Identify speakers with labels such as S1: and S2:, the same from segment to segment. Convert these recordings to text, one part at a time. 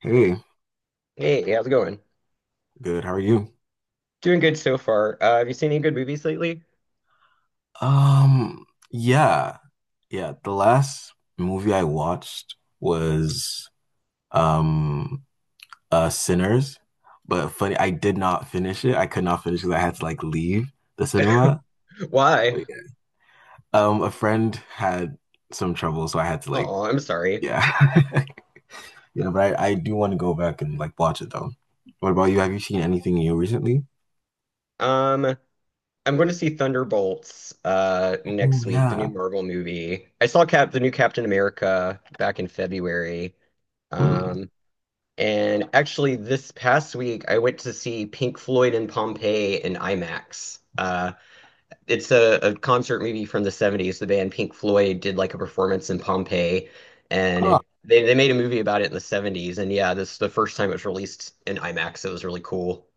S1: Hey,
S2: Hey, hey, how's it going?
S1: good. How are you?
S2: Doing good so far. Have you seen any good movies lately?
S1: Um, yeah. Yeah, the last movie I watched was um Sinners. But funny, I did not finish it. I could not finish because I had to like leave the cinema.
S2: Why?
S1: But yeah. A friend had some trouble, so I had to like
S2: Oh, I'm sorry.
S1: yeah. Yeah, but I do want to go back and like watch it though. What about you? Have you seen anything new recently?
S2: Um, I'm going to see Thunderbolts
S1: Oh
S2: next week, the new
S1: yeah.
S2: Marvel movie. I saw Cap the new Captain America back in February.
S1: Hmm.
S2: Um, and actually this past week I went to see Pink Floyd and Pompeii in IMAX. It's a concert movie from the 70s. The band Pink Floyd did like a performance in Pompeii and they made a movie about it in the 70s. And yeah, this is the first time it was released in IMAX. It was really cool.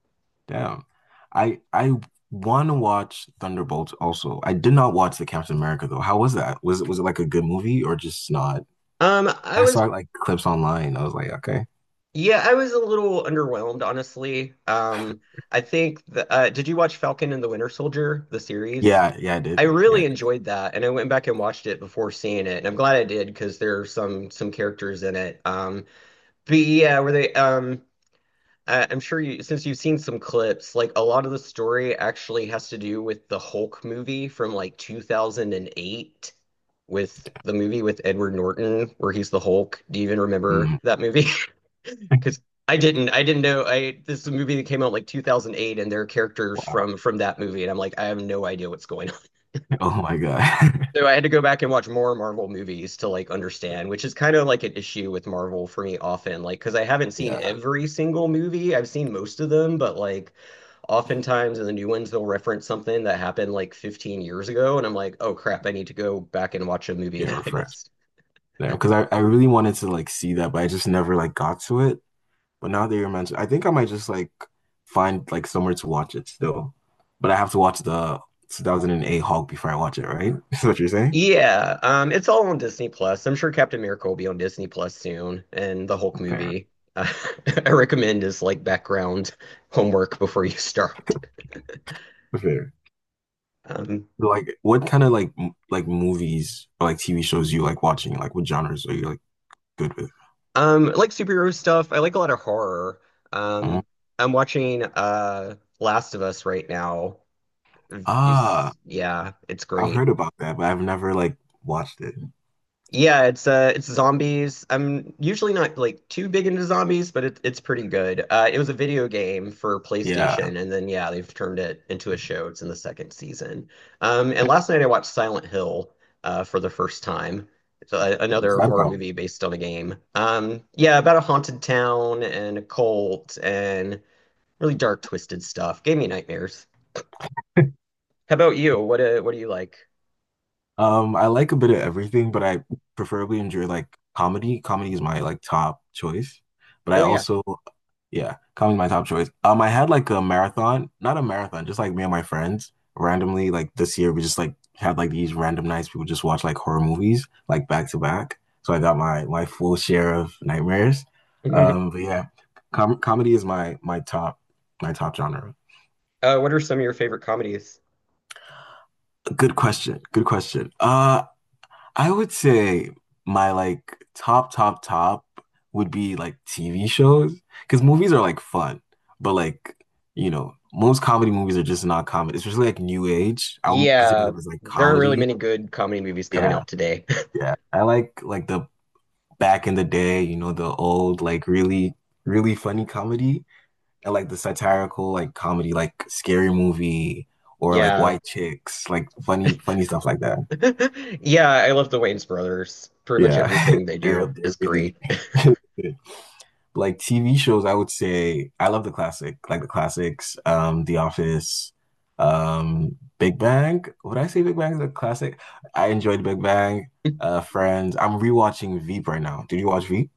S1: Damn. I want to watch Thunderbolts also. I did not watch the Captain America though. How was that? Was it like a good movie or just not?
S2: Um, I
S1: I saw
S2: was,
S1: like clips online. I was like, okay.
S2: yeah, I was a little underwhelmed, honestly. I think did you watch Falcon and the Winter Soldier, the series?
S1: Yeah, yeah, I
S2: I
S1: did. Yeah. I
S2: really
S1: did.
S2: enjoyed that, and I went back and watched it before seeing it, and I'm glad I did because there are some characters in it. But yeah, where they I'm sure you, since you've seen some clips, like a lot of the story actually has to do with the Hulk movie from like 2008, with the movie with Edward Norton where he's the Hulk. Do you even remember
S1: Mm.
S2: that movie? Because I didn't know. I this is a movie that came out like 2008 and there are characters
S1: Wow.
S2: from that movie and I'm like, I have no idea what's going,
S1: Oh my God.
S2: so I had to go back and watch more Marvel movies to like understand, which is kind of like an issue with Marvel for me often, like because I haven't seen
S1: Yeah.
S2: every single movie. I've seen most of them, but like oftentimes in the new ones they'll reference something that happened like 15 years ago, and I'm like, oh crap, I need to go back and watch a movie
S1: Yeah,
S2: that I
S1: refreshed.
S2: missed.
S1: Yeah, because I really wanted to like see that, but I just never like got to it. But now that you're mentioning, I think I might just like find like somewhere to watch it still. But I have to watch the 2008 Hulk before I watch it, right? Is what you're saying?
S2: Yeah, it's all on Disney Plus. I'm sure Captain Miracle will be on Disney Plus soon, and the Hulk
S1: Fair.
S2: movie. I recommend as like background homework before you start.
S1: Fair.
S2: Um,
S1: Like, what kind of like like movies or like TV shows you like watching? Like, what genres are you like good with?
S2: I like superhero stuff. I like a lot of horror.
S1: Mhm.
S2: Um, I'm watching Last of Us right now. If You,
S1: Ah,
S2: s- Yeah, it's
S1: I've
S2: great.
S1: heard about that, but I've never like watched it.
S2: Yeah, it's zombies. I'm usually not like too big into zombies, but it's pretty good. It was a video game for
S1: Yeah.
S2: PlayStation and then yeah, they've turned it into a show. It's in the second season. And last night I watched Silent Hill for the first time. It's
S1: What's
S2: another
S1: that
S2: horror
S1: about?
S2: movie based on a game. Yeah, about a haunted town and a cult and really dark twisted stuff. Gave me nightmares. How about you? What do you like?
S1: I like a bit of everything, but I preferably enjoy like comedy. Comedy is my like top choice. But I
S2: Oh yeah.
S1: also, yeah, comedy is my top choice. I had like a marathon, not a marathon, just like me and my friends randomly like this year we just like had like these random nights we would just watch like horror movies like back to back. So I got my full share of nightmares. But yeah, comedy is my top my top genre.
S2: What are some of your favorite comedies?
S1: Good question. Good question. I would say my like top, top, top would be like TV shows because movies are like fun, but like, you know, most comedy movies are just not comedy, especially like New Age. I would consider
S2: Yeah,
S1: them as like
S2: there are really
S1: comedy.
S2: many good comedy movies coming
S1: Yeah,
S2: out today.
S1: yeah. I like the back in the day, you know, the old like really, really funny comedy. I like the satirical like comedy, like Scary Movie or like
S2: Yeah.
S1: White Chicks, like funny, funny stuff like that.
S2: Yeah, I love the Wayans brothers. Pretty much
S1: Yeah,
S2: everything they
S1: they're
S2: do is
S1: they're really
S2: great.
S1: Like TV shows, I would say I love the classic, like the classics, The Office, Big Bang. Would I say Big Bang is a classic? I enjoyed Big Bang, Friends. I'm rewatching Veep right now. Did you watch Veep?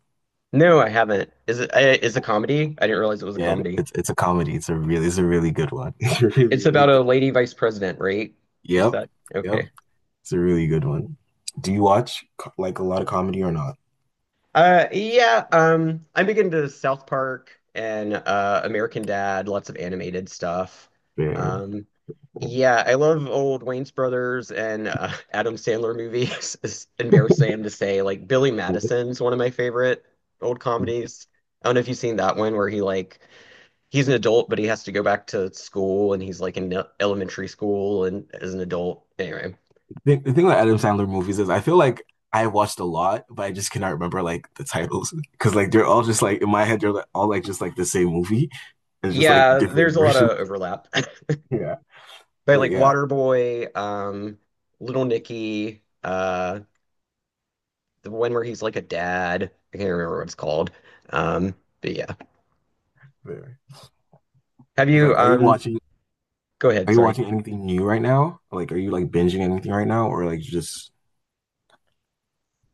S2: No, I haven't. Is it is a comedy? I didn't realize it was a
S1: Yeah,
S2: comedy.
S1: it's a comedy. It's a really good one. It's a really,
S2: It's
S1: really
S2: about a
S1: good.
S2: lady vice president, right? Is
S1: Yep.
S2: that
S1: Yep.
S2: okay?
S1: It's a really good one. Do you watch like a lot of comedy or not?
S2: Yeah, I'm big into South Park and American Dad, lots of animated stuff.
S1: Fair.
S2: Um, yeah, I love old Wayne's Brothers and Adam Sandler movies. It's embarrassing to say, like Billy Madison's one of my favorite old comedies. I don't know if you've seen that one where he's an adult but he has to go back to school and he's like in elementary school and as an adult. Anyway,
S1: The thing with Adam Sandler movies is I feel like I watched a lot, but I just cannot remember like the titles because like they're all just like in my head they're like, all like just like the same movie. It's just like
S2: yeah,
S1: different
S2: there's a lot
S1: versions.
S2: of overlap.
S1: Yeah,
S2: But
S1: but
S2: like
S1: yeah,
S2: Waterboy, Little Nicky, the one where he's like a dad. I can't remember what it's called. Um, but yeah.
S1: fair.
S2: Have
S1: It's
S2: you
S1: like, are you watching?
S2: Go ahead,
S1: Are you
S2: sorry.
S1: watching anything new right now? Like, are you like binging anything right now, or like just?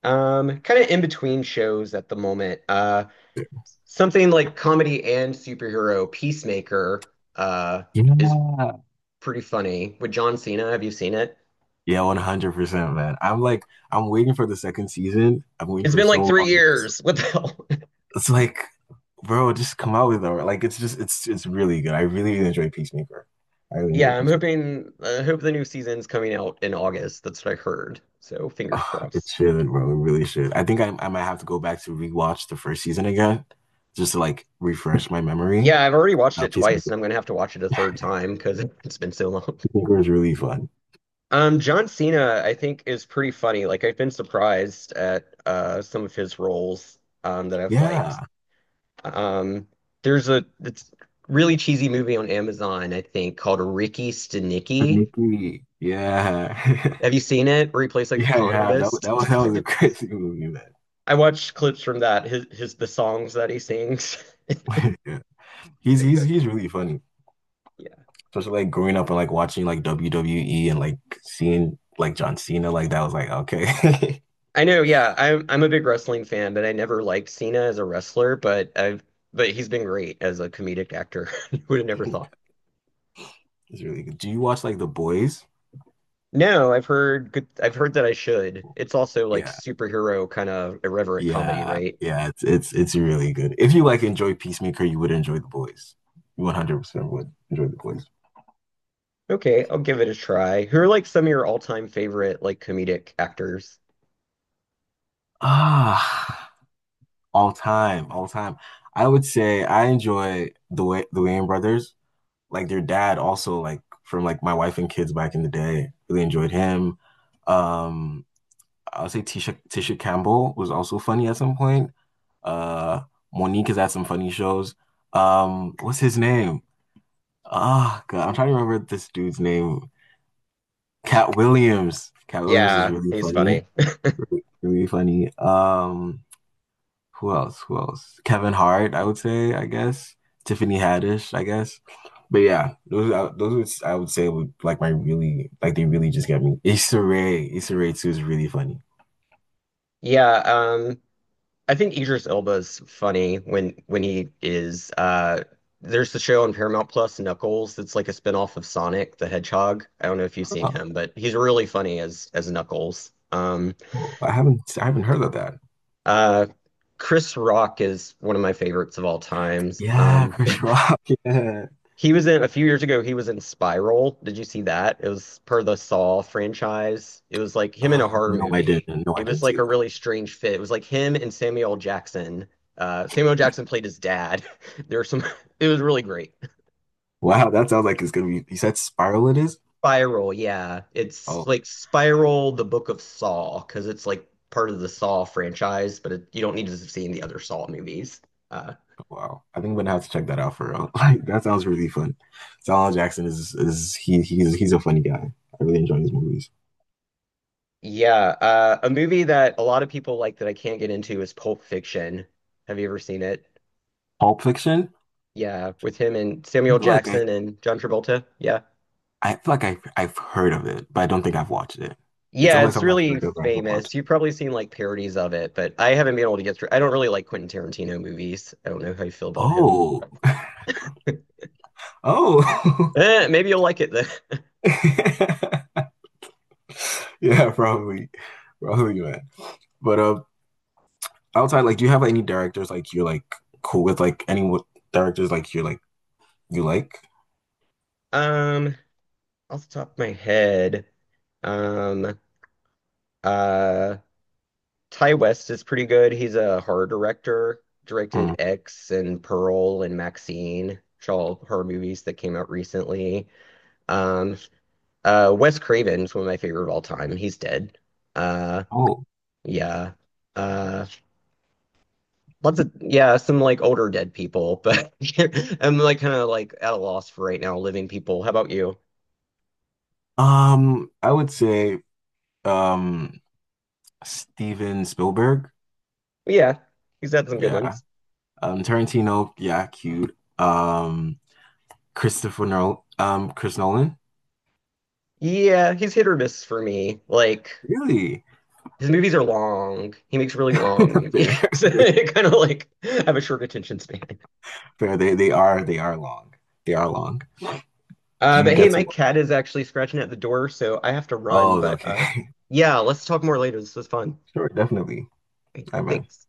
S2: Kind of in between shows at the moment. Something like comedy and superhero Peacemaker is
S1: Yeah,
S2: pretty funny. With John Cena, have you seen it?
S1: yeah, 100%, man. I'm like, I'm waiting for the second season. I'm waiting
S2: It's
S1: for
S2: been like
S1: so
S2: three
S1: long.
S2: years. What the hell?
S1: It's like bro, just come out with it. Like it's just it's really good. I really, really enjoy Peacemaker. I really enjoy
S2: Yeah, I'm
S1: Peacemaker.
S2: hoping I hope the new season's coming out in August. That's what I heard. So fingers
S1: Oh, it
S2: crossed.
S1: should, bro. It really should. I think I might have to go back to rewatch the first season again, just to like refresh my memory.
S2: Yeah, I've already watched
S1: Now
S2: it twice,
S1: Peacemaker,
S2: and I'm gonna have to watch it a third time because it's been so long.
S1: Peacemaker is really fun.
S2: John Cena, I think, is pretty funny. Like, I've been surprised at some of his roles that I've liked.
S1: Yeah,
S2: Um, there's a It's really cheesy movie on Amazon, I think, called Ricky Stenicki.
S1: Nikki. Yeah,
S2: Have you seen it? Where he plays like a
S1: yeah,
S2: con
S1: yeah. That wa-
S2: artist.
S1: that was that was a crazy movie, man.
S2: I watched clips from that. His The songs that he sings.
S1: Yeah. He's
S2: So
S1: he's
S2: good.
S1: he's really funny.
S2: Yeah.
S1: Especially like growing up and like watching like WWE and like seeing like John Cena like that was like okay.
S2: I know, yeah. I'm a big wrestling fan, but I never liked Cena as a wrestler, but he's been great as a comedic actor. Would have never thought.
S1: It's really good. Do you watch like The Boys?
S2: No, I've heard that I should. It's also like
S1: Yeah.
S2: superhero kind of irreverent comedy,
S1: Yeah.
S2: right?
S1: Yeah, it's it's really good. If you like enjoy Peacemaker, you would enjoy The Boys. You 100% would enjoy The Boys.
S2: Okay, I'll give it a try. Who are like some of your all-time favorite like comedic actors?
S1: Ah, all time, all time. I would say I enjoy the way the Wayans brothers, like their dad also like from like my wife and kids back in the day. Really enjoyed him. Um, I would say Tisha Campbell was also funny at some point. Uh, Monique has had some funny shows. What's his name? Ah, God, I'm trying to remember this dude's name. Cat Williams. Cat Williams is
S2: Yeah,
S1: really
S2: he's
S1: funny.
S2: funny.
S1: Really, really funny. Who else? Who else? Kevin Hart, I would say, I guess. Tiffany Haddish, I guess. But yeah, those would, I would say would like my really like they really just get me. Issa Rae, Issa Rae too is really funny.
S2: Yeah, I think Idris Elba's funny when he is there's the show on Paramount Plus, Knuckles, that's like a spinoff of Sonic the Hedgehog. I don't know if you've seen him, but he's really funny as Knuckles.
S1: Oh, I haven't heard of that.
S2: Uh Chris Rock is one of my favorites of all times.
S1: Yeah, Chris Rock. Yeah.
S2: He was in a few years ago, he was in Spiral. Did you see that? It was per the Saw franchise. It was like him in a horror
S1: No, I
S2: movie.
S1: didn't. No,
S2: It
S1: I
S2: was
S1: didn't
S2: like
S1: see
S2: a
S1: that.
S2: really strange fit. It was like him and Samuel Jackson. Samuel Jackson played his dad. There were some, it was really great.
S1: Wow, that sounds like it's gonna be. You said Spiral it is?
S2: Spiral, yeah. It's
S1: Oh,
S2: like Spiral, the Book of Saw, because it's like part of the Saw franchise, but you don't need to have seen the other Saw movies. Uh,
S1: wow. I think I'm gonna have to check that out for real. Like that sounds really fun. Samuel L. Jackson is he he's a funny guy. I really enjoy his movies.
S2: yeah, a movie that a lot of people like that I can't get into is Pulp Fiction. Have you ever seen it?
S1: Pulp Fiction?
S2: Yeah, with him and
S1: I
S2: Samuel
S1: feel like
S2: Jackson and John Travolta. Yeah.
S1: I feel like I've heard of it, but I don't think I've watched it. It
S2: Yeah,
S1: sounds like
S2: it's
S1: something I've
S2: really
S1: heard of, but I haven't watched
S2: famous.
S1: it.
S2: You've probably seen like parodies of it, but I haven't been able to get through. I don't really like Quentin Tarantino movies. I don't know how you feel about him.
S1: Oh, oh.
S2: Eh, maybe you'll like it then.
S1: Yeah, probably. Probably, man. But outside, like, do you have any directors like you're like cool with? Like, any directors like you're like you like?
S2: Um, Off the top of my head, um, uh, Ty West is pretty good. He's a horror director.
S1: Mm.
S2: Directed X and Pearl and Maxine, which are all horror movies that came out recently. Um, Wes Craven's one of my favorite of all time. He's dead. Uh,
S1: Oh,
S2: yeah. Uh, Lots of yeah, some like older dead people, but I'm like kind of like at a loss for right now, living people. How about you?
S1: I would say um Steven Spielberg.
S2: Yeah, he's had some good
S1: Yeah.
S2: ones.
S1: Tarantino. Yeah, cute. Christopher Nolan. Chris Nolan.
S2: Yeah, he's hit or miss for me. Like
S1: Really?
S2: his movies are long. He makes really long movies.
S1: Fair.
S2: So I kind of like have a short attention span.
S1: Fair. They are long. They are long. Do you
S2: But hey,
S1: get
S2: my
S1: to?
S2: cat is actually scratching at the door, so I have to run.
S1: Oh,
S2: But
S1: okay.
S2: yeah, let's talk more later. This was fun.
S1: Sure, definitely.
S2: Okay,
S1: I bet.
S2: thanks.